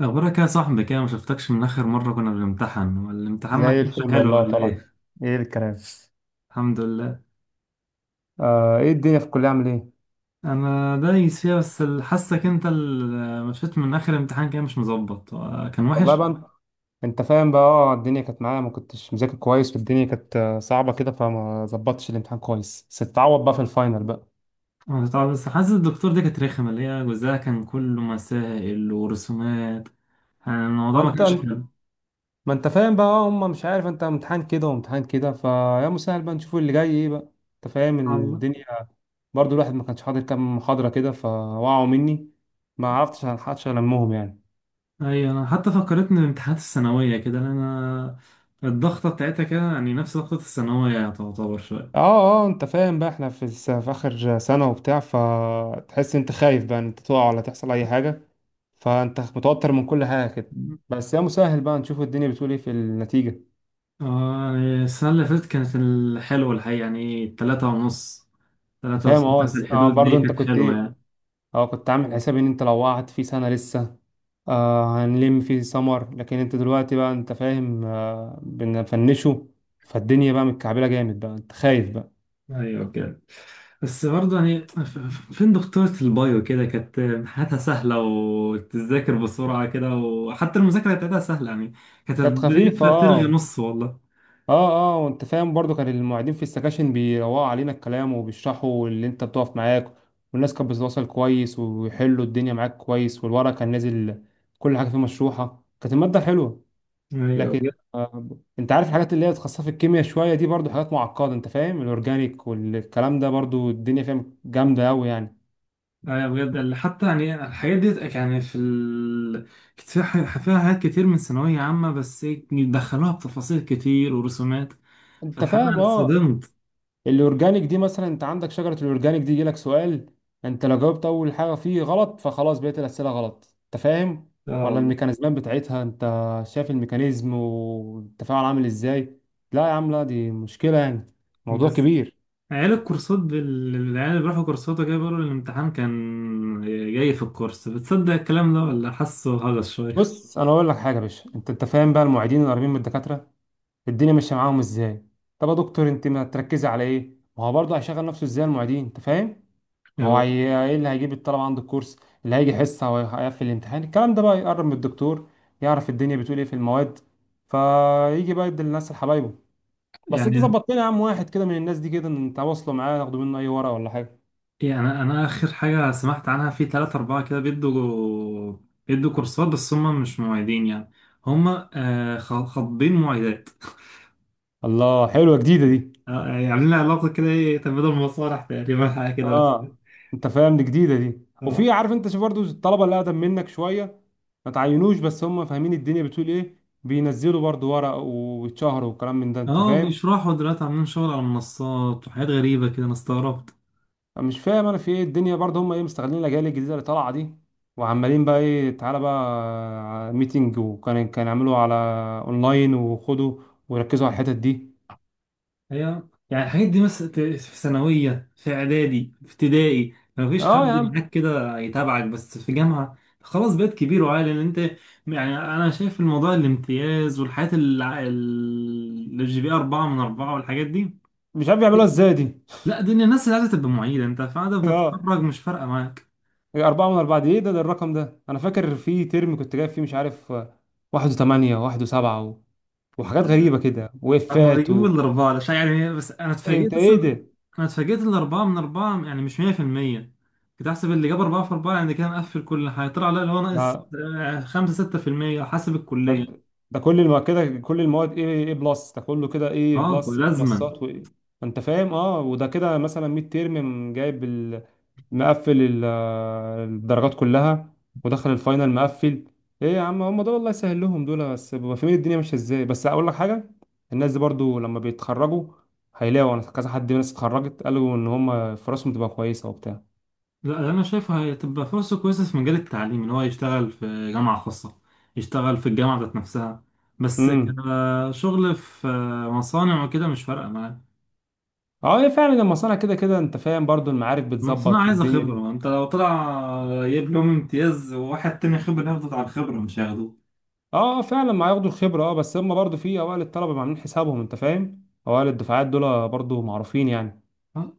أخبارك يا صاحبي كده، ما شفتكش من آخر مرة كنا بنمتحن، والامتحان ما زي كانش الفل حلو والله ولا طبعا. إيه؟ ايه الكلام؟ الحمد لله. ايه الدنيا في الكليه، عامل ايه؟ أنا دايس فيها، بس حاسك أنت اللي مشيت من آخر امتحان كده مش مظبط، كان والله وحش. بقى. أنت فاهم بقى، الدنيا كانت معايا، ما كنتش مذاكر كويس، والدنيا كانت صعبه كده، فما ظبطتش الامتحان كويس بس تتعوض بقى في الفاينل بقى. آه، طبعا، بس حاسس الدكتور دي كانت رخمة، اللي هي جزءها كان كله مسائل ورسومات. يعني الموضوع ما وانت؟ كانش حلو. ما انت فاهم بقى، هم مش عارف. انت امتحان كده وامتحان كده، فيا مسهل بقى نشوف اللي جاي ايه بقى. انت فاهم الله. الدنيا. برضو الواحد ما كانش حاضر كام محاضره كده، فوقعوا مني. ما عرفتش الحقش، المهم يعني. أيوة، أنا حتى فكرتني بامتحانات الثانوية كده، لأن أنا الضغطة بتاعتها كده يعني نفس ضغطة الثانوية تعتبر شوية. اه اه انت فاهم بقى، احنا في اخر سنة وبتاع، فتحس انت خايف بقى ان انت تقع ولا تحصل اي حاجة. فانت متوتر من كل حاجة كده. بس يا مسهل بقى، نشوف الدنيا بتقول ايه في النتيجة. اه، يعني السنة اللي فاتت كانت الحلوة الحقيقة، يعني 3.5، أنت تلاتة فاهم. وستة في الحدود برضو دي، انت كانت كنت حلوة ايه؟ يعني. اه كنت عامل حساب ان انت لو وقعت في سنة لسه، هنلم في سمر. لكن انت دلوقتي بقى، انت فاهم، بنفنشه. فالدنيا بقى متكعبلة جامد بقى، انت خايف بقى. ايوه كده. بس برضه يعني فين دكتورة البايو كده، كانت حياتها سهلة وتذاكر بسرعة كده، وحتى المذاكرة بتاعتها سهلة يعني، كانت كانت البداية خفيفة، بتلغي اه. نص والله. اه وانت فاهم، برضو كان المعيدين في السكاشن بيروقوا علينا الكلام، وبيشرحوا اللي انت بتقف معاك، والناس كانت بتتواصل كويس، ويحلوا الدنيا معاك كويس، والورق كان نازل. كل حاجة فيه مشروحة. كانت المادة حلوة. ايوه لكن بجد. آه انت عارف، الحاجات اللي هي متخصصة في الكيمياء شوية دي برضو حاجات معقدة، انت فاهم، الاورجانيك والكلام ده برضو الدنيا فاهم جامدة أوي يعني. ايوه بجد، اللي حتى يعني الحاجات دي يعني كانت فيها فيها حاجات كتير من ثانوية عامة، بس إيه، دخلوها بتفاصيل كتير ورسومات. انت فالحقيقة أنا فاهم. اه اتصدمت. الاورجانيك دي مثلا، انت عندك شجره الاورجانيك دي يجيلك سؤال، انت لو جاوبت اول حاجه فيه غلط، فخلاص بقيت الاسئله غلط، انت فاهم. اه ولا والله. الميكانيزمات بتاعتها، انت شايف الميكانيزم والتفاعل عامل ازاي. لا يا عم، لا دي مشكله يعني، موضوع بس كبير. عيال الكورسات العيال اللي بيروحوا كورسات وكده بيقولوا الامتحان كان جاي في الكورس. بتصدق الكلام ده ولا حاسه هجس شوية بص انا اقول لك حاجه يا باشا، انت فاهم بقى، المعيدين القريبين من الدكاتره، الدنيا ماشيه معاهم ازاي. طب يا دكتور، انت ما تركزي على ايه، ما هو برضه هيشغل نفسه ازاي المعيدين، انت فاهم. أيوة. ايه اللي هيجيب الطلبة عنده الكورس؟ اللي هيجي حصة، هو هيقفل الامتحان، الكلام ده بقى يقرب من الدكتور، يعرف الدنيا بتقول ايه في المواد، فيجي بقى يدي للناس، لحبايبه. بس انت يعني ظبط لنا يا عم واحد كده من الناس دي، كده انت واصله معاه، ناخده منه اي ورقة ولا حاجة. يعني أنا آخر حاجة سمعت عنها في تلاتة أربعة كده بيدوا. بيدوا كورسات بس هم مش معيدين، يعني هم، خاطبين معيدات الله، حلوة جديدة دي. يعني عاملين علاقة كده إيه، تبادل مصالح تقريبا، حاجة كده بس. اه، انت فاهم، دي جديدة دي. اه وفي، عارف انت، شوف برضو الطلبة اللي اقدم منك شوية، ما تعينوش بس هم فاهمين الدنيا بتقول ايه، بينزلوا برضو ورق ويتشهروا والكلام من ده، انت اه، فاهم. بيشرحوا دلوقتي عاملين شغل على المنصات وحاجات غريبة كده، أنا استغربت. مش فاهم انا في ايه الدنيا برضه، هم ايه مستغلين الاجيال الجديده اللي طالعه دي، وعمالين بقى ايه، تعالى بقى ميتنج، وكان يعملوا على اونلاين، وخدوا، وركزوا على الحتت دي. هي يعني الحاجات دي مثلا في ثانوية، في إعدادي، في ابتدائي، ما فيش حد اه يا عم، معاك كده يتابعك، بس في جامعة خلاص بقيت كبير وعاقل ان انت. يعني انا شايف الموضوع الامتياز والحاجات الجي بي 4/4 والحاجات دي. مش عارف يعملوها ازاي دي لا، دي الناس اللي عايزة تبقى معيدة. انت بعد ما اه. تتخرج مش فارقة معاك. أربعة من أربعة دي إيه ده، الرقم ده، أنا فاكر في ترم كنت جايب فيه مش عارف واحد وثمانية، واحد وسبعة وحاجات غريبة كده، هما وإفات بيجيبوا الأربعة ده عشان يعني، بس أنا إيه، أنت اتفاجئت إيه أصلا. ده؟ أنا اتفاجئت ان ال4/4 يعني مش 100%، كنت أحسب اللي جاب 4/4 يعني كده مقفل كل حاجة، طلع لا، اللي هو ناقص آه. آه، 5 او 6% حسب طب الكلية. ده كل كده كل المواد، ايه بلس، ده كله كده ايه أه، بلس، ايه لازما. بلسات وايه؟ انت فاهم. اه وده كده مثلا ميد تيرم جايب مقفل ال... آه، الدرجات كلها، ودخل الفاينل مقفل. ايه يا عم، هم دول الله يسهل لهم، دول بس ببقى فاهمين الدنيا ماشيه ازاي، بس اقول لك حاجه. الناس دي برضو لما بيتخرجوا، هيلاقوا، انا كذا حد من الناس اتخرجت قالوا ان هم فرصهم تبقى كويسه وبتاع. لا، اللي أنا شايفه هتبقى فرصة كويسة في مجال التعليم، إن هو يشتغل في جامعة خاصة، يشتغل في الجامعة ذات نفسها. بس امم كشغل في مصانع وكده مش فارقة معاه. اه هي فعلا المصانع كده كده، انت فاهم، برضو المعارف المصنع بتظبط عايزة والدنيا خبرة، دي. ما انت لو طلع جايب لهم امتياز وواحد تاني خبرة، ياخده على الخبرة مش هياخدوه. اه، فعلا ما هياخدوا الخبره. اه بس هم برضو في اوائل الطلبه ما عاملين حسابهم، انت فاهم، اوائل الدفعات دول برضو معروفين يعني. آه.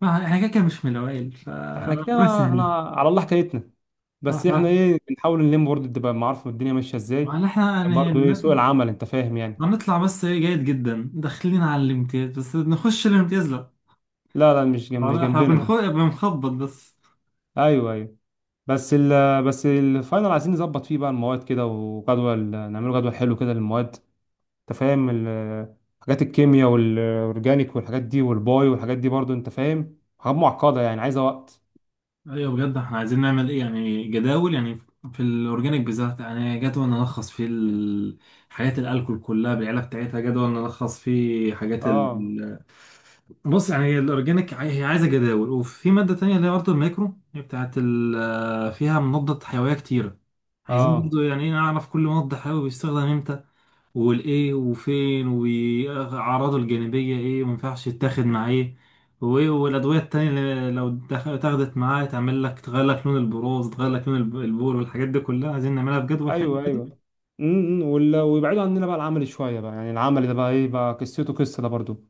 ما احنا كده كده مش من الاوائل، احنا فربنا كده، احنا يسهل. على الله حكايتنا. اه، بس ما احنا ايه بنحاول نلم، برضو تبقى معارف، الدنيا ماشيه ازاي. ما احنا كان يعني برضو ايه سوق العمل، انت فاهم يعني. هنطلع، بس ايه، جيد جدا، داخلين على الامتياز، بس نخش الامتياز لا. لا، لا، مش طبعاً احنا جنبنا ده. بنخبط بس. ايوه، ايوه، بس ال بس الفاينل عايزين نظبط فيه بقى المواد كده، وجدول، نعمله جدول حلو كده للمواد. انت فاهم حاجات الكيمياء والاورجانيك والحاجات دي والباي والحاجات دي، برضو انت فاهم حاجات معقده يعني، عايزه وقت. ايوه بجد، احنا عايزين نعمل ايه، يعني جداول، يعني في الاورجانيك بالذات، يعني جدول نلخص فيه حاجات الالكول كلها بالعيله بتاعتها، جدول نلخص فيه حاجات. اه، بص يعني هي الاورجانيك هي عايزه جداول، وفي ماده تانية اللي هي برضه الميكرو، هي بتاعت فيها مضادات حيويه كتيره. عايزين اه، برضه يعني ايه، نعرف كل مضاد حيوي بيستخدم امتى، والايه، وفين، واعراضه الجانبيه ايه، وما ينفعش يتاخد مع ايه، وايه، والادويه التانية اللي لو اتاخدت معاه تعمل لك تغير لك لون البروز، تغير لك لون البول، والحاجات دي كلها عايزين نعملها بجدول حلو. ايوه، ايوه. ويبعدوا عننا بقى العملي شويه بقى، يعني العملي ده بقى ايه بقى قصته، قصه ده برضو.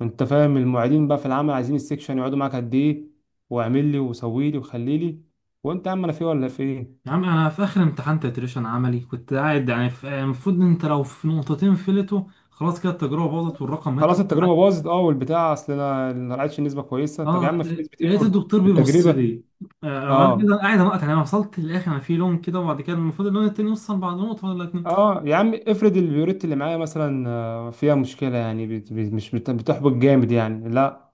انت فاهم، المعيدين بقى في العمل عايزين السكشن يقعدوا معاك قد ايه، واعمل لي، وسوي لي، وخلي لي. وانت يا عم، انا في إيه ولا في ايه؟ يا عم انا في اخر امتحان تتريشن عملي كنت قاعد يعني المفروض إن انت لو في نقطتين فلتوا خلاص كده، التجربه باظت والرقم هيطلع خلاص التجربه معاك. باظت، والبتاع، اصل انا ما لقيتش نسبه كويسه، طب يا اه، عم في نسبه لقيت ايرور الدكتور في بيبص التجربه. لي، آه، وانا اه كده قاعد انقط، يعني انا وصلت للاخر، انا في لون كده وبعد كده المفروض اللون التاني يوصل بعد نقطه ولا اتنين. اه يا عم، افرض البيوريت اللي معايا مثلا فيها مشكله يعني، بت- بت- مش بت- بتحبط جامد يعني، لا.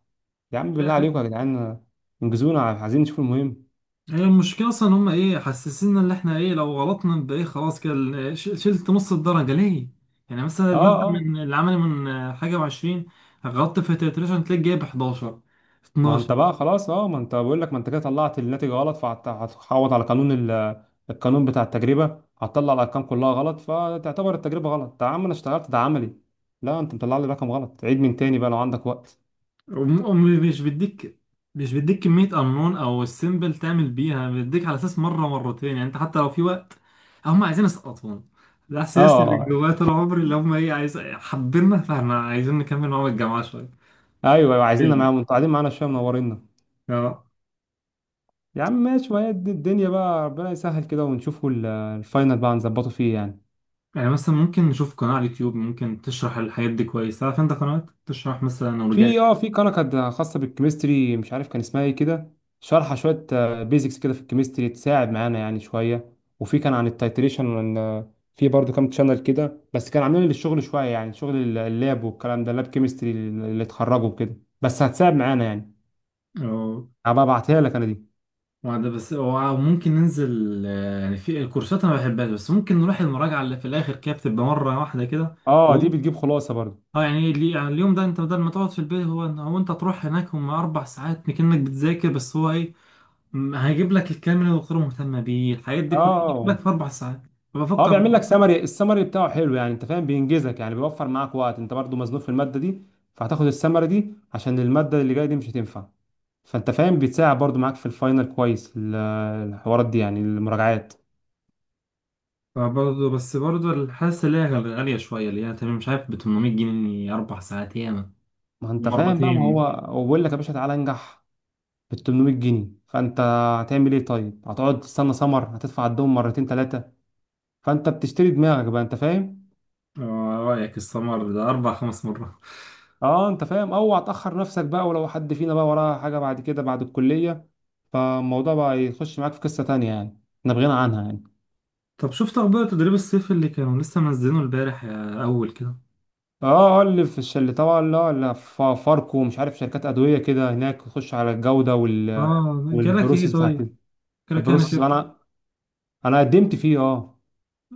يا عم لا بالله حاجة. عليكم يا جدعان، انجزونا، عايزين نشوف المهم. هي المشكله اصلا ان هم ايه، حسسنا ان احنا ايه، لو غلطنا يبقى ايه، خلاص كده شلت نص الدرجه ليه؟ يعني مثلا اه الماده اه من العملي من حاجه و20، غلطت في التتريشن تلاقي جايب 11. ما انت بقى خلاص، ما انت بقول لك، ما انت كده طلعت الناتج غلط، فهتعوض على قانون القانون بتاع التجربه، هتطلع الارقام كلها غلط، فتعتبر التجربه غلط. يا عم انا اشتغلت، ده عملي. لا، انت مطلع لي رقم غلط، عيد من تاني بقى لو عندك وقت. ومش بيديك، مش بيديك كمية أنون أو السيمبل تعمل بيها بيديك على أساس مرة مرتين، يعني أنت حتى لو في وقت، هم عايزين يسقطونا. ده اه إحساس اه اللي آه. جوايا طول عمري، اللي هم إيه، عايز حبينا، فإحنا عايزين نكمل معاهم الجامعة شوية، ايوه، ايوه، عايزيننا فيلم. معاهم، انتوا قاعدين معانا شويه، منورينا. اه، يا عم ماشي، ما هي دي الدنيا بقى، ربنا يسهل كده، ونشوفوا الفاينل بقى نظبطه فيه يعني. يعني مثلا ممكن نشوف قناة على اليوتيوب ممكن تشرح الحاجات دي كويس. عارف أنت قنوات تشرح مثلا في أورجانيك؟ اه في قناه كانت خاصه بالكيمستري، مش عارف كان اسمها ايه كده، شارحه شويه، بيزكس كده في الكيمستري، تساعد معانا يعني شويه. وفي كان عن التيتريشن، وان في برضو كام تشانل كده، بس كان عاملين للشغل شويه يعني، شغل اللاب والكلام ده، لاب كيمستري اللي اتخرجوا كده، بس هتساعد معانا يعني. أو هبقى ابعتها لك انا دي. وده بس، أو ممكن ننزل، يعني في الكورسات أنا ما بحبهاش، بس ممكن نروح المراجعة اللي في الآخر كده، بتبقى مرة واحدة كده. اه، دي بتجيب خلاصه برضو. اه يعني يعني اليوم ده انت بدل ما تقعد في البيت، هو انت تروح هناك، هم 4 ساعات كأنك بتذاكر، بس هو ايه، هيجيب لك الكلام اللي الدكتوره مهتمه بيه، الحاجات دي كلها هيجيب اه لك في 4 ساعات. اه فبفكر. بيعمل لك سمري، السمري بتاعه حلو يعني، انت فاهم، بينجزك يعني، بيوفر معاك وقت، انت برضو مزنوق في الماده دي، فهتاخد السمري دي عشان الماده اللي جايه دي مش هتنفع. فانت فاهم، بيتساعد برضو معاك في الفاينل كويس، الحوارات دي يعني، المراجعات. برضه بس برضه الحاسه اللي هي غاليه شويه، اللي هي تمام، مش عارف ب 800 جنيه 4 ساعات ياما ما انت فاهم بقى، ما هو مرتين. هو بيقول لك يا باشا، تعالى انجح بال 800 جنيه، فانت هتعمل ايه طيب، هتقعد تستنى سمر، هتدفع الدوم مرتين ثلاثه. فانت بتشتري دماغك بقى، انت فاهم. اه، إيه رايك السمر ده 4 او 5 مرات؟ اه، انت فاهم، اوعى تاخر نفسك بقى، ولو حد فينا بقى وراه حاجه بعد كده بعد الكليه، فالموضوع بقى يخش معاك في قصه تانيه يعني، احنا بغنى عنها يعني. طب شفت اخبار تدريب الصيف اللي كانوا لسه منزلينه البارح يا اول كده؟ اه اه اللي طبعا، لا، لا، فاركو ومش عارف، شركات ادويه كده هناك، تخش على الجوده اه، جالك ايه والبروسيس بتاعت طيب؟ جالك يعني البروسيس، شيء؟ انا قدمت فيه، اه.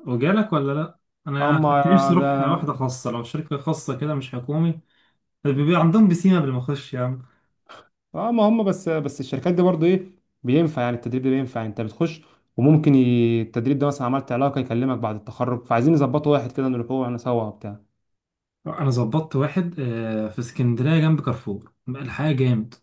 وجالك ولا لا؟ انا هم كنت نفسي اروح واحده اه خاصه، لو شركه خاصه كده مش حكومي، بيبقى عندهم بسيمه قبل ما اخش. يا عم ما هم بس الشركات دي برضو ايه، بينفع يعني، التدريب ده بينفع، انت بتخش. وممكن التدريب ده مثلا عملت علاقه يكلمك بعد التخرج، فعايزين نظبطه واحد كده، نروح هو انا سوا بتاع. انا ظبطت واحد، في اسكندريه جنب كارفور، الحياه جامد.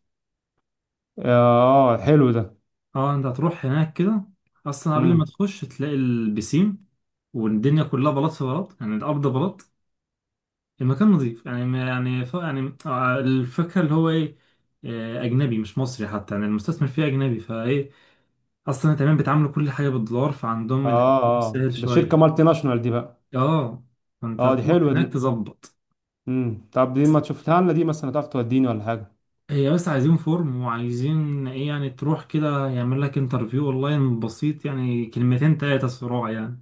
اه، حلو ده. اه، انت هتروح هناك كده اصلا قبل ما امم تخش تلاقي البسيم والدنيا كلها بلاط في بلاط، يعني الارض بلاط، المكان نظيف يعني يعني يعني الفكره اللي هو ايه، اجنبي مش مصري حتى، يعني المستثمر فيه اجنبي، فايه، اصلا كمان بيتعاملوا كل حاجه بالدولار فعندهم الحمد سهل ده شركه شويه. مالتي ناشونال دي بقى. اه، فانت اه، دي هتروح حلوه دي. هناك تظبط. طب دي ما تشوفتها لنا دي مثلا، تعرف توديني ولا حاجه؟ هي بس عايزين فورم، وعايزين ايه يعني، تروح كده يعمل لك انترفيو اونلاين بسيط، يعني كلمتين تلاتة صراع يعني.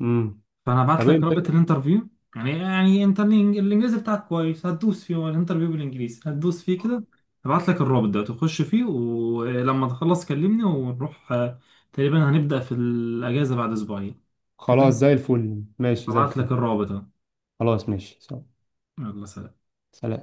امم فانا ابعت طب لك انت. رابط الانترفيو. يعني انت الانجليزي بتاعك كويس، هتدوس فيه، هو الانترفيو بالانجليزي، هتدوس فيه كده. ابعت لك الرابط ده، تخش فيه، ولما تخلص كلمني ونروح، تقريبا هنبدأ في الاجازة بعد اسبوعين. خلاص، تمام. زي الفل، ماشي زي ابعت الفل. لك الرابط اهو. خلاص ماشي. يلا سلام. سلام.